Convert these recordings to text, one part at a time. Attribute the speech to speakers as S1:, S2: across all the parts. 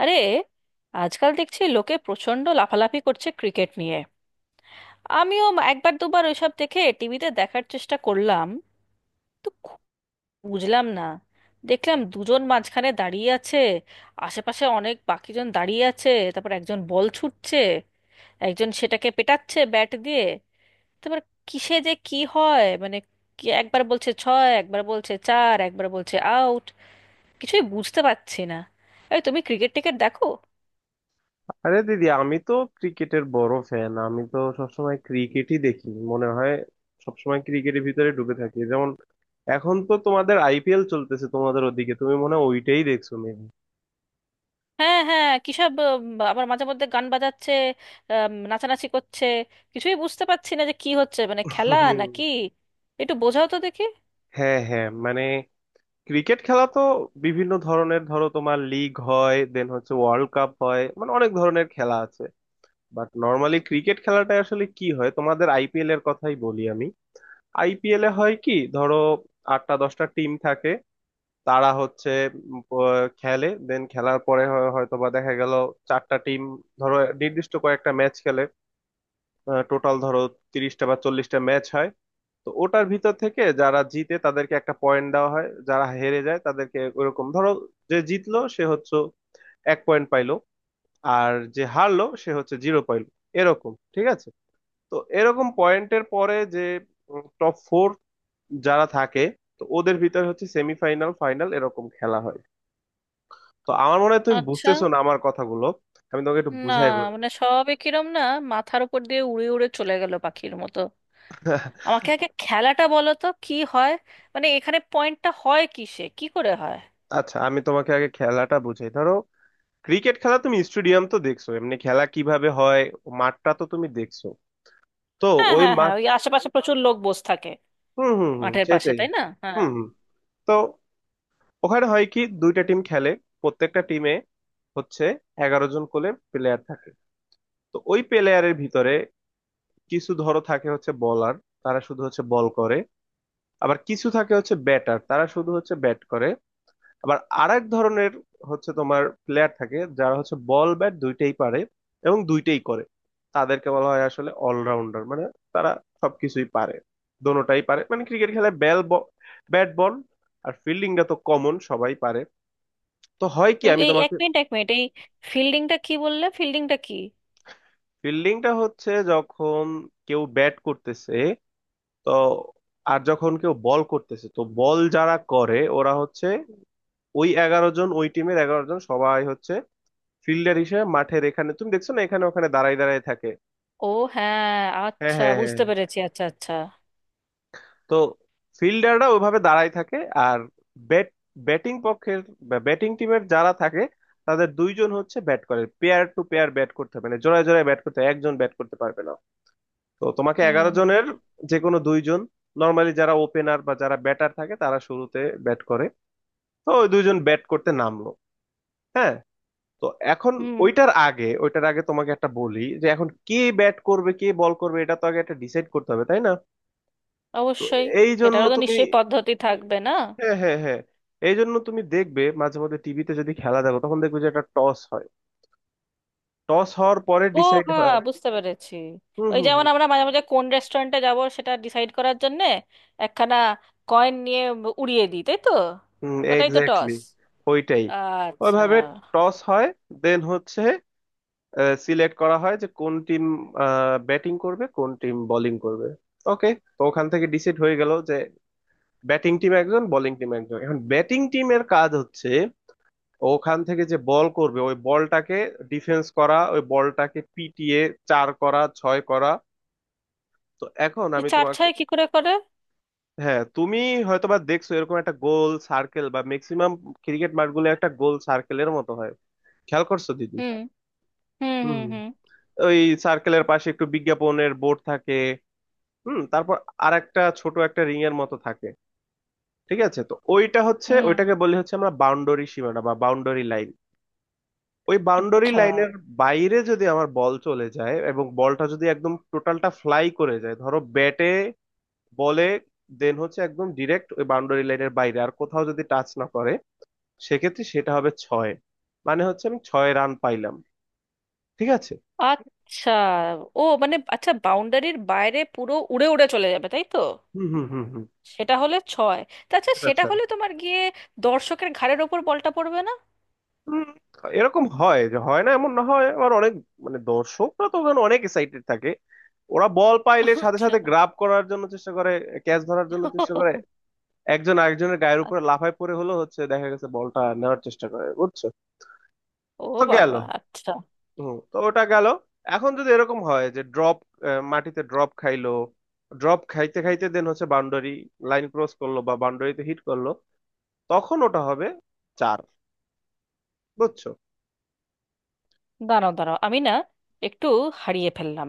S1: আরে, আজকাল দেখছি লোকে প্রচণ্ড লাফালাফি করছে ক্রিকেট নিয়ে। আমিও একবার দুবার ওইসব দেখে, টিভিতে দেখার চেষ্টা করলাম। তো খু- বুঝলাম না। দেখলাম দুজন মাঝখানে দাঁড়িয়ে আছে, আশেপাশে অনেক বাকিজন দাঁড়িয়ে আছে, তারপর একজন বল ছুটছে, একজন সেটাকে পেটাচ্ছে ব্যাট দিয়ে। তারপর কিসে যে কি হয়, মানে কি একবার বলছে ছয়, একবার বলছে চার, একবার বলছে আউট। কিছুই বুঝতে পারছি না। এই, তুমি ক্রিকেট টিকেট দেখো?
S2: আরে দিদি, আমি তো ক্রিকেটের বড় ফ্যান। আমি তো সবসময় ক্রিকেটই দেখি মনে হয়, সবসময় ক্রিকেটের ভিতরে ঢুকে থাকি। যেমন এখন তো তোমাদের আইপিএল চলতেছে তোমাদের ওদিকে, তুমি মনে হয় ওইটাই দেখছো মেবি।
S1: হ্যাঁ, হ্যাঁ, কিসব আবার মাঝে মধ্যে গান বাজাচ্ছে, নাচানাচি করছে। কিছুই বুঝতে পারছি না যে কি হচ্ছে, মানে খেলা নাকি! একটু বোঝাও তো দেখি।
S2: হ্যাঁ হ্যাঁ, মানে ক্রিকেট খেলা তো বিভিন্ন ধরনের, ধরো তোমার লিগ হয়, দেন হচ্ছে ওয়ার্ল্ড কাপ হয়, মানে অনেক ধরনের খেলা আছে। বাট নর্মালি ক্রিকেট খেলাটা আসলে কি হয়, তোমাদের আইপিএল এর কথাই বলি আমি। আইপিএল এ হয় কি, ধরো আটটা দশটা টিম থাকে, তারা হচ্ছে খেলে, দেন খেলার পরে হয়তো বা দেখা গেল চারটা টিম, ধরো নির্দিষ্ট কয়েকটা ম্যাচ খেলে, টোটাল ধরো 30টা বা 40টা ম্যাচ হয়। তো ওটার ভিতর থেকে যারা জিতে তাদেরকে একটা পয়েন্ট দেওয়া হয়, যারা হেরে যায় তাদেরকে ওরকম, ধরো যে জিতলো সে হচ্ছে এক পয়েন্ট পাইলো, আর যে হারলো সে হচ্ছে জিরো পাইলো, এরকম, ঠিক আছে। তো এরকম পয়েন্টের পরে যে টপ ফোর যারা থাকে, তো ওদের ভিতরে হচ্ছে সেমিফাইনাল, ফাইনাল এরকম খেলা হয়। তো আমার মনে হয় তুমি
S1: আচ্ছা।
S2: বুঝতেছো না আমার কথাগুলো, আমি তোমাকে একটু
S1: না,
S2: বুঝাই বলি
S1: মানে সবে কিরম না মাথার উপর দিয়ে উড়ে উড়ে চলে গেল পাখির মতো। আমাকে আগে খেলাটা বলো তো কি হয়, মানে এখানে পয়েন্টটা হয় কিসে, কি করে হয়।
S2: আচ্ছা আমি তোমাকে আগে খেলাটা বুঝাই, ধরো ক্রিকেট খেলা, তুমি স্টেডিয়াম তো দেখছো এমনি খেলা কিভাবে হয়, মাঠটা তো তুমি দেখছো। তো
S1: হ্যাঁ,
S2: ওই
S1: হ্যাঁ, হ্যাঁ,
S2: মাঠ,
S1: ওই আশেপাশে প্রচুর লোক বসে থাকে
S2: হুম হুম হুম
S1: মাঠের পাশে,
S2: সেটাই।
S1: তাই না? হ্যাঁ।
S2: হুম হুম। তো ওখানে হয় কি, দুইটা টিম খেলে, প্রত্যেকটা টিমে হচ্ছে 11 জন করে প্লেয়ার থাকে। তো ওই প্লেয়ারের ভিতরে কিছু ধরো থাকে হচ্ছে বলার, তারা শুধু হচ্ছে বল করে, আবার কিছু থাকে হচ্ছে ব্যাটার, তারা শুধু হচ্ছে ব্যাট করে, আবার আরেক ধরনের হচ্ছে তোমার প্লেয়ার থাকে যারা হচ্ছে বল ব্যাট দুইটাই পারে এবং দুইটাই করে, তাদেরকে বলা হয় আসলে অলরাউন্ডার। মানে তারা সবকিছুই পারে, দোনোটাই পারে, মানে ক্রিকেট খেলায় ব্যাট, বল, আর ফিল্ডিংটা তো কমন, সবাই পারে। তো হয় কি,
S1: এই
S2: আমি
S1: এই, এক
S2: তোমাকে,
S1: মিনিট, এক মিনিট, এই ফিল্ডিংটা কি বললে? ফিল্ডিংটা কি?
S2: ফিল্ডিংটা হচ্ছে যখন কেউ ব্যাট করতেছে তো, আর যখন কেউ বল করতেছে তো বল যারা করে ওরা হচ্ছে ওই এগারো জন, ওই টিমের এগারো জন সবাই হচ্ছে ফিল্ডার হিসেবে মাঠের এখানে, তুমি দেখছো না এখানে ওখানে দাঁড়ায় দাঁড়ায় থাকে।
S1: ও, হ্যাঁ,
S2: হ্যাঁ
S1: আচ্ছা,
S2: হ্যাঁ হ্যাঁ।
S1: বুঝতে পেরেছি। আচ্ছা, আচ্ছা।
S2: তো ফিল্ডাররা ওইভাবে দাঁড়ায় থাকে, আর ব্যাট ব্যাটিং পক্ষের, ব্যাটিং টিমের যারা থাকে তাদের দুইজন হচ্ছে ব্যাট করে, পেয়ার টু পেয়ার ব্যাট করতে হবে, মানে জোড়ায় জোড়ায় ব্যাট করতে হয়, একজন ব্যাট করতে পারবে না। তো তোমাকে
S1: হুম,
S2: এগারো
S1: হুম,
S2: জনের যে কোনো দুইজন, নর্মালি যারা ওপেনার বা যারা ব্যাটার থাকে তারা শুরুতে ব্যাট করে। তো ওই দুইজন ব্যাট করতে নামলো। হ্যাঁ। তো এখন,
S1: হুম।
S2: ওইটার আগে ওইটার আগে তোমাকে একটা বলি যে এখন কে ব্যাট করবে কে বল করবে এটা তো আগে একটা ডিসাইড করতে হবে, তাই না। তো
S1: অবশ্যই।
S2: এই জন্য
S1: এটারও তো
S2: তুমি,
S1: নিশ্চয়ই পদ্ধতি থাকবে না?
S2: হ্যাঁ হ্যাঁ হ্যাঁ, এই জন্য তুমি দেখবে মাঝে মধ্যে টিভিতে যদি খেলা দেখো তখন দেখবে যে একটা টস হয়, টস হওয়ার পরে
S1: ও,
S2: ডিসাইড
S1: হ্যাঁ,
S2: হয়।
S1: বুঝতে পেরেছি।
S2: হুম
S1: ওই
S2: হুম
S1: যেমন আমরা মাঝে মাঝে কোন রেস্টুরেন্টে যাব সেটা ডিসাইড করার জন্যে একখানা কয়েন নিয়ে উড়িয়ে দিই, তাই তো?
S2: হুম
S1: ওটাই তো
S2: এক্স্যাক্টলি,
S1: টস।
S2: ওইটাই,
S1: আচ্ছা।
S2: ওইভাবে টস হয়, দেন হচ্ছে সিলেক্ট করা হয় যে কোন টিম ব্যাটিং করবে কোন টিম বোলিং করবে, ওকে। তো ওখান থেকে ডিসাইড হয়ে গেল যে ব্যাটিং টিম একজন, বোলিং টিম একজন। এখন ব্যাটিং টিমের কাজ হচ্ছে ওখান থেকে যে বল করবে ওই বলটাকে ডিফেন্স করা, ওই বলটাকে পিটিয়ে চার করা, ছয় করা। তো এখন
S1: এই
S2: আমি
S1: চার
S2: তোমাকে,
S1: ছয় কি করে করে?
S2: হ্যাঁ তুমি হয়তোবা দেখছো এরকম একটা গোল সার্কেল বা ম্যাক্সিমাম ক্রিকেট মাঠগুলো একটা গোল সার্কেলের মতো হয়, খেয়াল করছো দিদি?
S1: হুম, হুম,
S2: হুম।
S1: হুম, হুম,
S2: ওই সার্কেলের পাশে একটু বিজ্ঞাপনের বোর্ড থাকে, হুম, তারপর আর একটা ছোট একটা রিং এর মতো থাকে, ঠিক আছে। তো ওইটা হচ্ছে,
S1: হুম।
S2: ওইটাকে বলি হচ্ছে আমরা বাউন্ডারি সীমানা বা বাউন্ডারি লাইন। ওই বাউন্ডারি
S1: আচ্ছা,
S2: লাইনের বাইরে যদি আমার বল চলে যায় এবং বলটা যদি একদম টোটালটা ফ্লাই করে যায় ধরো ব্যাটে বলে, দেন হচ্ছে একদম ডিরেক্ট ওই বাউন্ডারি লাইনের বাইরে আর কোথাও যদি টাচ না করে, সেক্ষেত্রে সেটা হবে ছয়। মানে হচ্ছে আমি ছয় রান পাইলাম, ঠিক আছে।
S1: আচ্ছা। ও, মানে আচ্ছা, বাউন্ডারির বাইরে পুরো উড়ে উড়ে চলে যাবে, তাই তো?
S2: হুম হুম হুম হুম,
S1: সেটা হলে ছয়। তাছাড়া
S2: সেটা
S1: সেটা
S2: ছয়।
S1: হলে তোমার গিয়ে দর্শকের ঘাড়ের ওপর বলটা পড়বে না?
S2: হুম, এরকম হয় যে হয় না এমন না, হয় আবার অনেক, মানে দর্শকরা তো ওখানে অনেক এক্সাইটেড থাকে, ওরা বল পাইলে সাথে
S1: আচ্ছা।
S2: সাথে গ্রাব করার জন্য চেষ্টা করে, ক্যাচ ধরার জন্য চেষ্টা করে, একজন আরেকজনের গায়ের উপরে লাফায় পড়ে হলো হচ্ছে, দেখা গেছে বলটা নেওয়ার চেষ্টা করে, বুঝছো।
S1: ও
S2: তো গেল,
S1: বাবা, আচ্ছা।
S2: হুম তো ওটা গেল। এখন যদি এরকম হয় যে ড্রপ, মাটিতে ড্রপ খাইলো, ড্রপ খাইতে খাইতে দেন হচ্ছে বাউন্ডারি লাইন ক্রস করলো বা বাউন্ডারিতে হিট করলো, তখন ওটা হবে চার, বুঝছো।
S1: দাঁড়াও, দাঁড়াও, আমি না একটু হারিয়ে ফেললাম।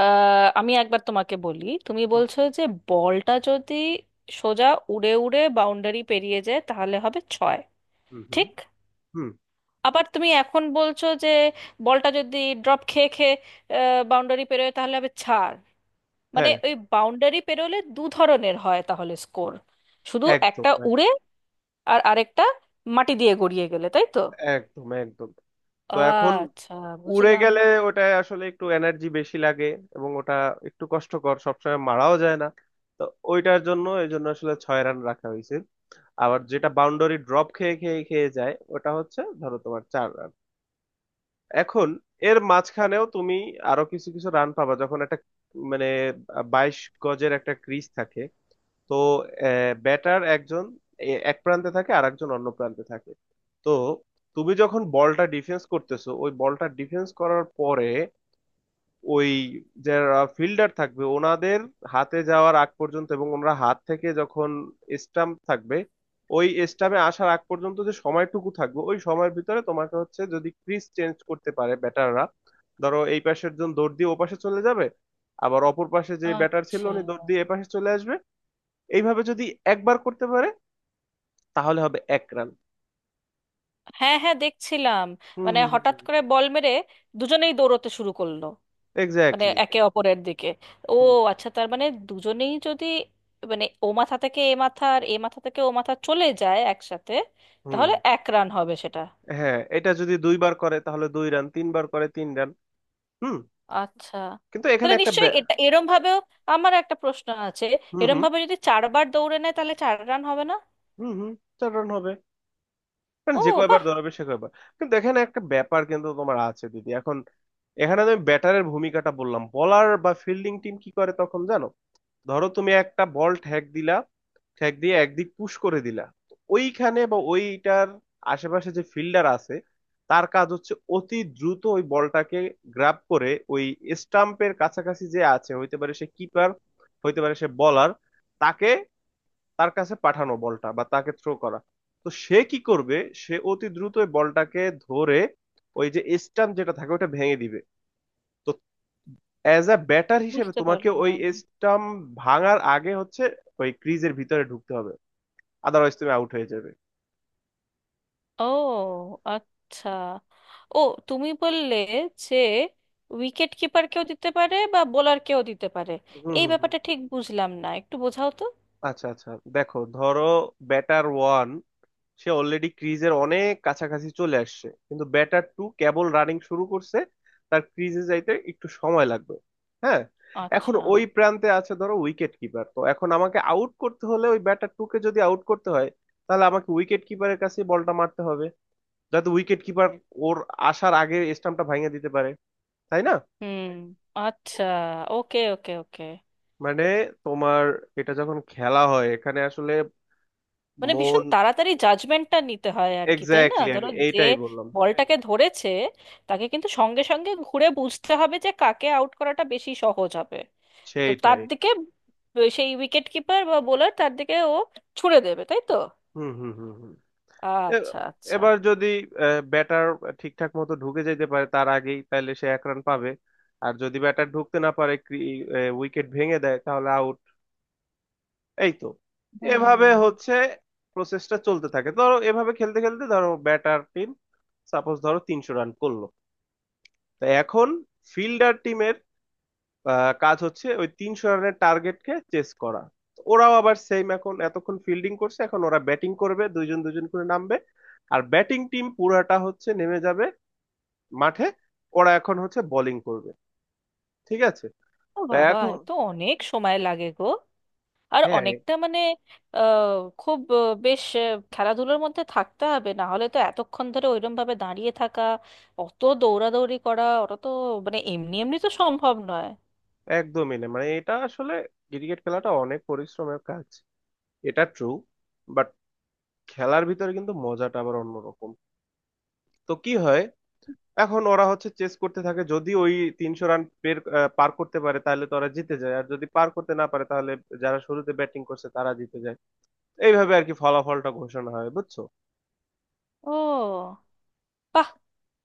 S1: আমি একবার তোমাকে বলি, তুমি
S2: হুম
S1: বলছো যে বলটা যদি সোজা উড়ে উড়ে বাউন্ডারি পেরিয়ে যায় তাহলে হবে ছয়,
S2: হুম হুম
S1: ঠিক?
S2: হুম,
S1: আবার তুমি এখন বলছো যে বলটা যদি ড্রপ খেয়ে খেয়ে বাউন্ডারি পেরোয় তাহলে হবে চার। মানে
S2: হ্যাঁ
S1: ওই বাউন্ডারি পেরোলে দু ধরনের হয় তাহলে স্কোর, শুধু
S2: একদম
S1: একটা উড়ে আর আরেকটা মাটি দিয়ে গড়িয়ে গেলে, তাই তো?
S2: একদম একদম। তো এখন
S1: আচ্ছা,
S2: উড়ে
S1: বুঝলাম।
S2: গেলে ওটায় আসলে একটু এনার্জি বেশি লাগে এবং ওটা একটু কষ্টকর, সবসময় মারাও যায় না, তো ওইটার জন্য এই জন্য আসলে ছয় রান রাখা হয়েছে। আবার যেটা বাউন্ডারি ড্রপ খেয়ে খেয়ে খেয়ে যায় ওটা হচ্ছে ধরো তোমার চার রান। এখন এর মাঝখানেও তুমি আরো কিছু কিছু রান পাবা যখন একটা, মানে 22 গজের একটা ক্রিজ থাকে। তো ব্যাটার একজন এক প্রান্তে থাকে আর একজন অন্য প্রান্তে থাকে। তো তুমি যখন বলটা ডিফেন্স করতেছো, ওই বলটা ডিফেন্স করার পরে ওই যারা ফিল্ডার থাকবে ওনাদের হাতে যাওয়ার আগ পর্যন্ত এবং ওনারা হাত থেকে যখন স্টাম্প থাকবে ওই স্টাম্পে আসার আগ পর্যন্ত যে সময়টুকু থাকবে ওই সময়ের ভিতরে তোমাকে হচ্ছে যদি ক্রিজ চেঞ্জ করতে পারে ব্যাটাররা। ধরো এই পাশের জন দৌড় দিয়ে ওপাশে চলে যাবে, আবার অপর পাশে যে ব্যাটার ছিল
S1: আচ্ছা।
S2: উনি দৌড় দিয়ে এপাশে চলে আসবে। এইভাবে যদি একবার করতে পারে তাহলে হবে এক রান।
S1: হ্যাঁ, হ্যাঁ, দেখছিলাম।
S2: হুম
S1: মানে
S2: হুম
S1: হঠাৎ করে বল মেরে দুজনেই দৌড়তে শুরু করলো, মানে
S2: এক্স্যাক্টলি।
S1: একে অপরের দিকে। ও,
S2: হুম exactly.
S1: আচ্ছা, তার মানে দুজনেই যদি, মানে ও মাথা থেকে এ মাথা আর এ মাথা থেকে ও মাথা চলে যায় একসাথে,
S2: হুম হুম।
S1: তাহলে এক রান হবে সেটা।
S2: হ্যাঁ, এটা যদি দুইবার করে তাহলে দুই রান, তিনবার করে তিন রান। হুম।
S1: আচ্ছা,
S2: কিন্তু এখানে
S1: তাহলে
S2: একটা
S1: নিশ্চয়ই
S2: ব্যা-
S1: এটা এরম ভাবেও, আমার একটা প্রশ্ন আছে,
S2: হুম
S1: এরম
S2: হুম
S1: ভাবে যদি চারবার দৌড়ে নেয় তাহলে চার রান হবে না?
S2: হুম হুম, চার রান হবে, কারণ
S1: ও,
S2: যে কয়বার
S1: বাহ।
S2: দৌড়াবে সে কয়বার। কিন্তু এখানে একটা ব্যাপার কিন্তু তোমার আছে দিদি, এখন এখানে আমি ব্যাটারের ভূমিকাটা বললাম, বলার বা ফিল্ডিং টিম কি করে তখন জানো। ধরো তুমি একটা বল ঠ্যাক দিলা, ঠ্যাক দিয়ে একদিক পুশ করে দিলা, তো ওইখানে বা ওইটার আশেপাশে যে ফিল্ডার আছে তার কাজ হচ্ছে অতি দ্রুত ওই বলটাকে গ্রাব করে ওই স্টাম্পের কাছাকাছি যে আছে, হইতে পারে সে কিপার, হইতে পারে সে বলার, তাকে, তার কাছে পাঠানো বলটা বা তাকে থ্রো করা। তো সে কি করবে, সে অতি দ্রুত ওই বলটাকে ধরে ওই যে স্টাম্প যেটা থাকে ওটা ভেঙে দিবে। তো অ্যাজ আ ব্যাটার হিসেবে
S1: বুঝতে
S2: তোমাকে ওই
S1: পারলাম।
S2: স্টাম্প ভাঙার আগে হচ্ছে ওই ক্রিজের ভিতরে ঢুকতে হবে, আদারওয়াইজ তুমি আউট হয়ে যাবে।
S1: ও, আচ্ছা। ও, তুমি বললে যে উইকেট কিপার কেউ দিতে পারে বা বোলার কেউ দিতে পারে,
S2: হুম
S1: এই
S2: হুম হুম।
S1: ব্যাপারটা ঠিক বুঝলাম না, একটু বোঝাও তো।
S2: আচ্ছা আচ্ছা, দেখো ধরো ব্যাটার ওয়ান, সে অলরেডি ক্রিজের অনেক কাছাকাছি চলে আসছে কিন্তু ব্যাটার টু কেবল রানিং শুরু করছে, তার ক্রিজে যাইতে একটু সময় লাগবে। হ্যাঁ। এখন
S1: আচ্ছা।
S2: ওই প্রান্তে আছে ধরো উইকেট কিপার, তো এখন আমাকে আউট করতে হলে ওই ব্যাটার টুকে যদি আউট করতে হয় তাহলে আমাকে উইকেট কিপারের কাছে বলটা মারতে হবে যাতে উইকেট কিপার ওর আসার আগে স্টাম্পটা ভাঙিয়ে দিতে পারে, তাই না।
S1: হুম। আচ্ছা, ওকে, ওকে, ওকে।
S2: মানে তোমার এটা যখন খেলা হয় এখানে আসলে
S1: মানে ভীষণ
S2: মন,
S1: তাড়াতাড়ি জাজমেন্টটা নিতে হয় আর কি, তাই না?
S2: এক্স্যাক্টলি,
S1: ধরো
S2: আমি
S1: যে
S2: এইটাই বললাম,
S1: বলটাকে ধরেছে, তাকে কিন্তু সঙ্গে সঙ্গে ঘুরে বুঝতে হবে যে কাকে আউট করাটা বেশি সহজ হবে, তো তার
S2: সেইটাই।
S1: দিকে সেই উইকেট কিপার বা বোলার তার দিকে ও ছুড়ে দেবে, তাই তো?
S2: হুম হুম হুম হুম। এ-
S1: আচ্ছা, আচ্ছা।
S2: এবার যদি ব্যাটার ঠিকঠাক মতো ঢুকে যেতে পারে তার আগেই, তাহলে সে এক রান পাবে। আর যদি ব্যাটার ঢুকতে না পারে, উইকেট ভেঙে দেয় তাহলে আউট, এই তো। এভাবে
S1: হুম।
S2: হচ্ছে প্রসেসটা চলতে থাকে, ধরো এভাবে খেলতে খেলতে ধরো ব্যাটার টিম সাপোজ ধরো 300 রান করলো। তো এখন ফিল্ডার কাজ হচ্ছে ওই তিনশো রানের টার্গেটকে চেস করা। ওরাও আবার সেম, এখন এতক্ষণ ফিল্ডিং করছে এখন ওরা ব্যাটিং করবে দুইজন দুইজন করে নামবে, আর ব্যাটিং টিম পুরাটা হচ্ছে নেমে যাবে মাঠে, ওরা এখন হচ্ছে বোলিং করবে, ঠিক আছে।
S1: ও
S2: তো
S1: বাবা,
S2: এখন,
S1: এ তো অনেক সময় লাগে গো। আর
S2: হ্যাঁ,
S1: অনেকটা, মানে আহ, খুব বেশ খেলাধুলোর মধ্যে থাকতে হবে, না হলে তো এতক্ষণ ধরে ওইরকম ভাবে দাঁড়িয়ে থাকা, অত দৌড়াদৌড়ি করা ওটা তো, মানে এমনি এমনি তো সম্ভব নয়।
S2: একদমই না, মানে এটা আসলে ক্রিকেট খেলাটা অনেক পরিশ্রমের কাজ, এটা ট্রু। বাট খেলার ভিতরে কিন্তু মজাটা আবার অন্যরকম। তো কি হয়, এখন ওরা হচ্ছে চেস করতে থাকে, যদি ওই তিনশো রান পার করতে পারে তাহলে তো ওরা জিতে যায়, আর যদি পার করতে না পারে তাহলে যারা শুরুতে ব্যাটিং করছে তারা জিতে যায়। এইভাবে আর কি ফলাফলটা ঘোষণা হয়, বুঝছো।
S1: ও, বাহ,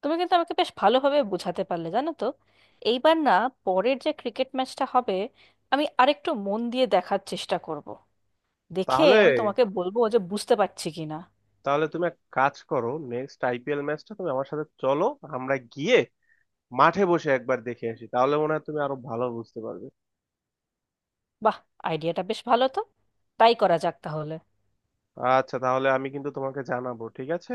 S1: তুমি কিন্তু আমাকে বেশ ভালোভাবে বোঝাতে পারলে, জানো তো। এইবার না পরের যে ক্রিকেট ম্যাচটা হবে, আমি আরেকটু মন দিয়ে দেখার চেষ্টা করব, দেখে
S2: তাহলে,
S1: আমি তোমাকে বলবো যে বুঝতে পারছি কিনা।
S2: তাহলে তুমি এক কাজ করো, নেক্সট আইপিএল ম্যাচটা তুমি আমার সাথে চলো, আমরা গিয়ে মাঠে বসে একবার দেখে আসি, তাহলে মনে হয় তুমি আরো ভালো বুঝতে পারবে।
S1: বাহ, আইডিয়াটা বেশ ভালো তো, তাই করা যাক তাহলে।
S2: আচ্ছা তাহলে আমি কিন্তু তোমাকে জানাবো, ঠিক আছে।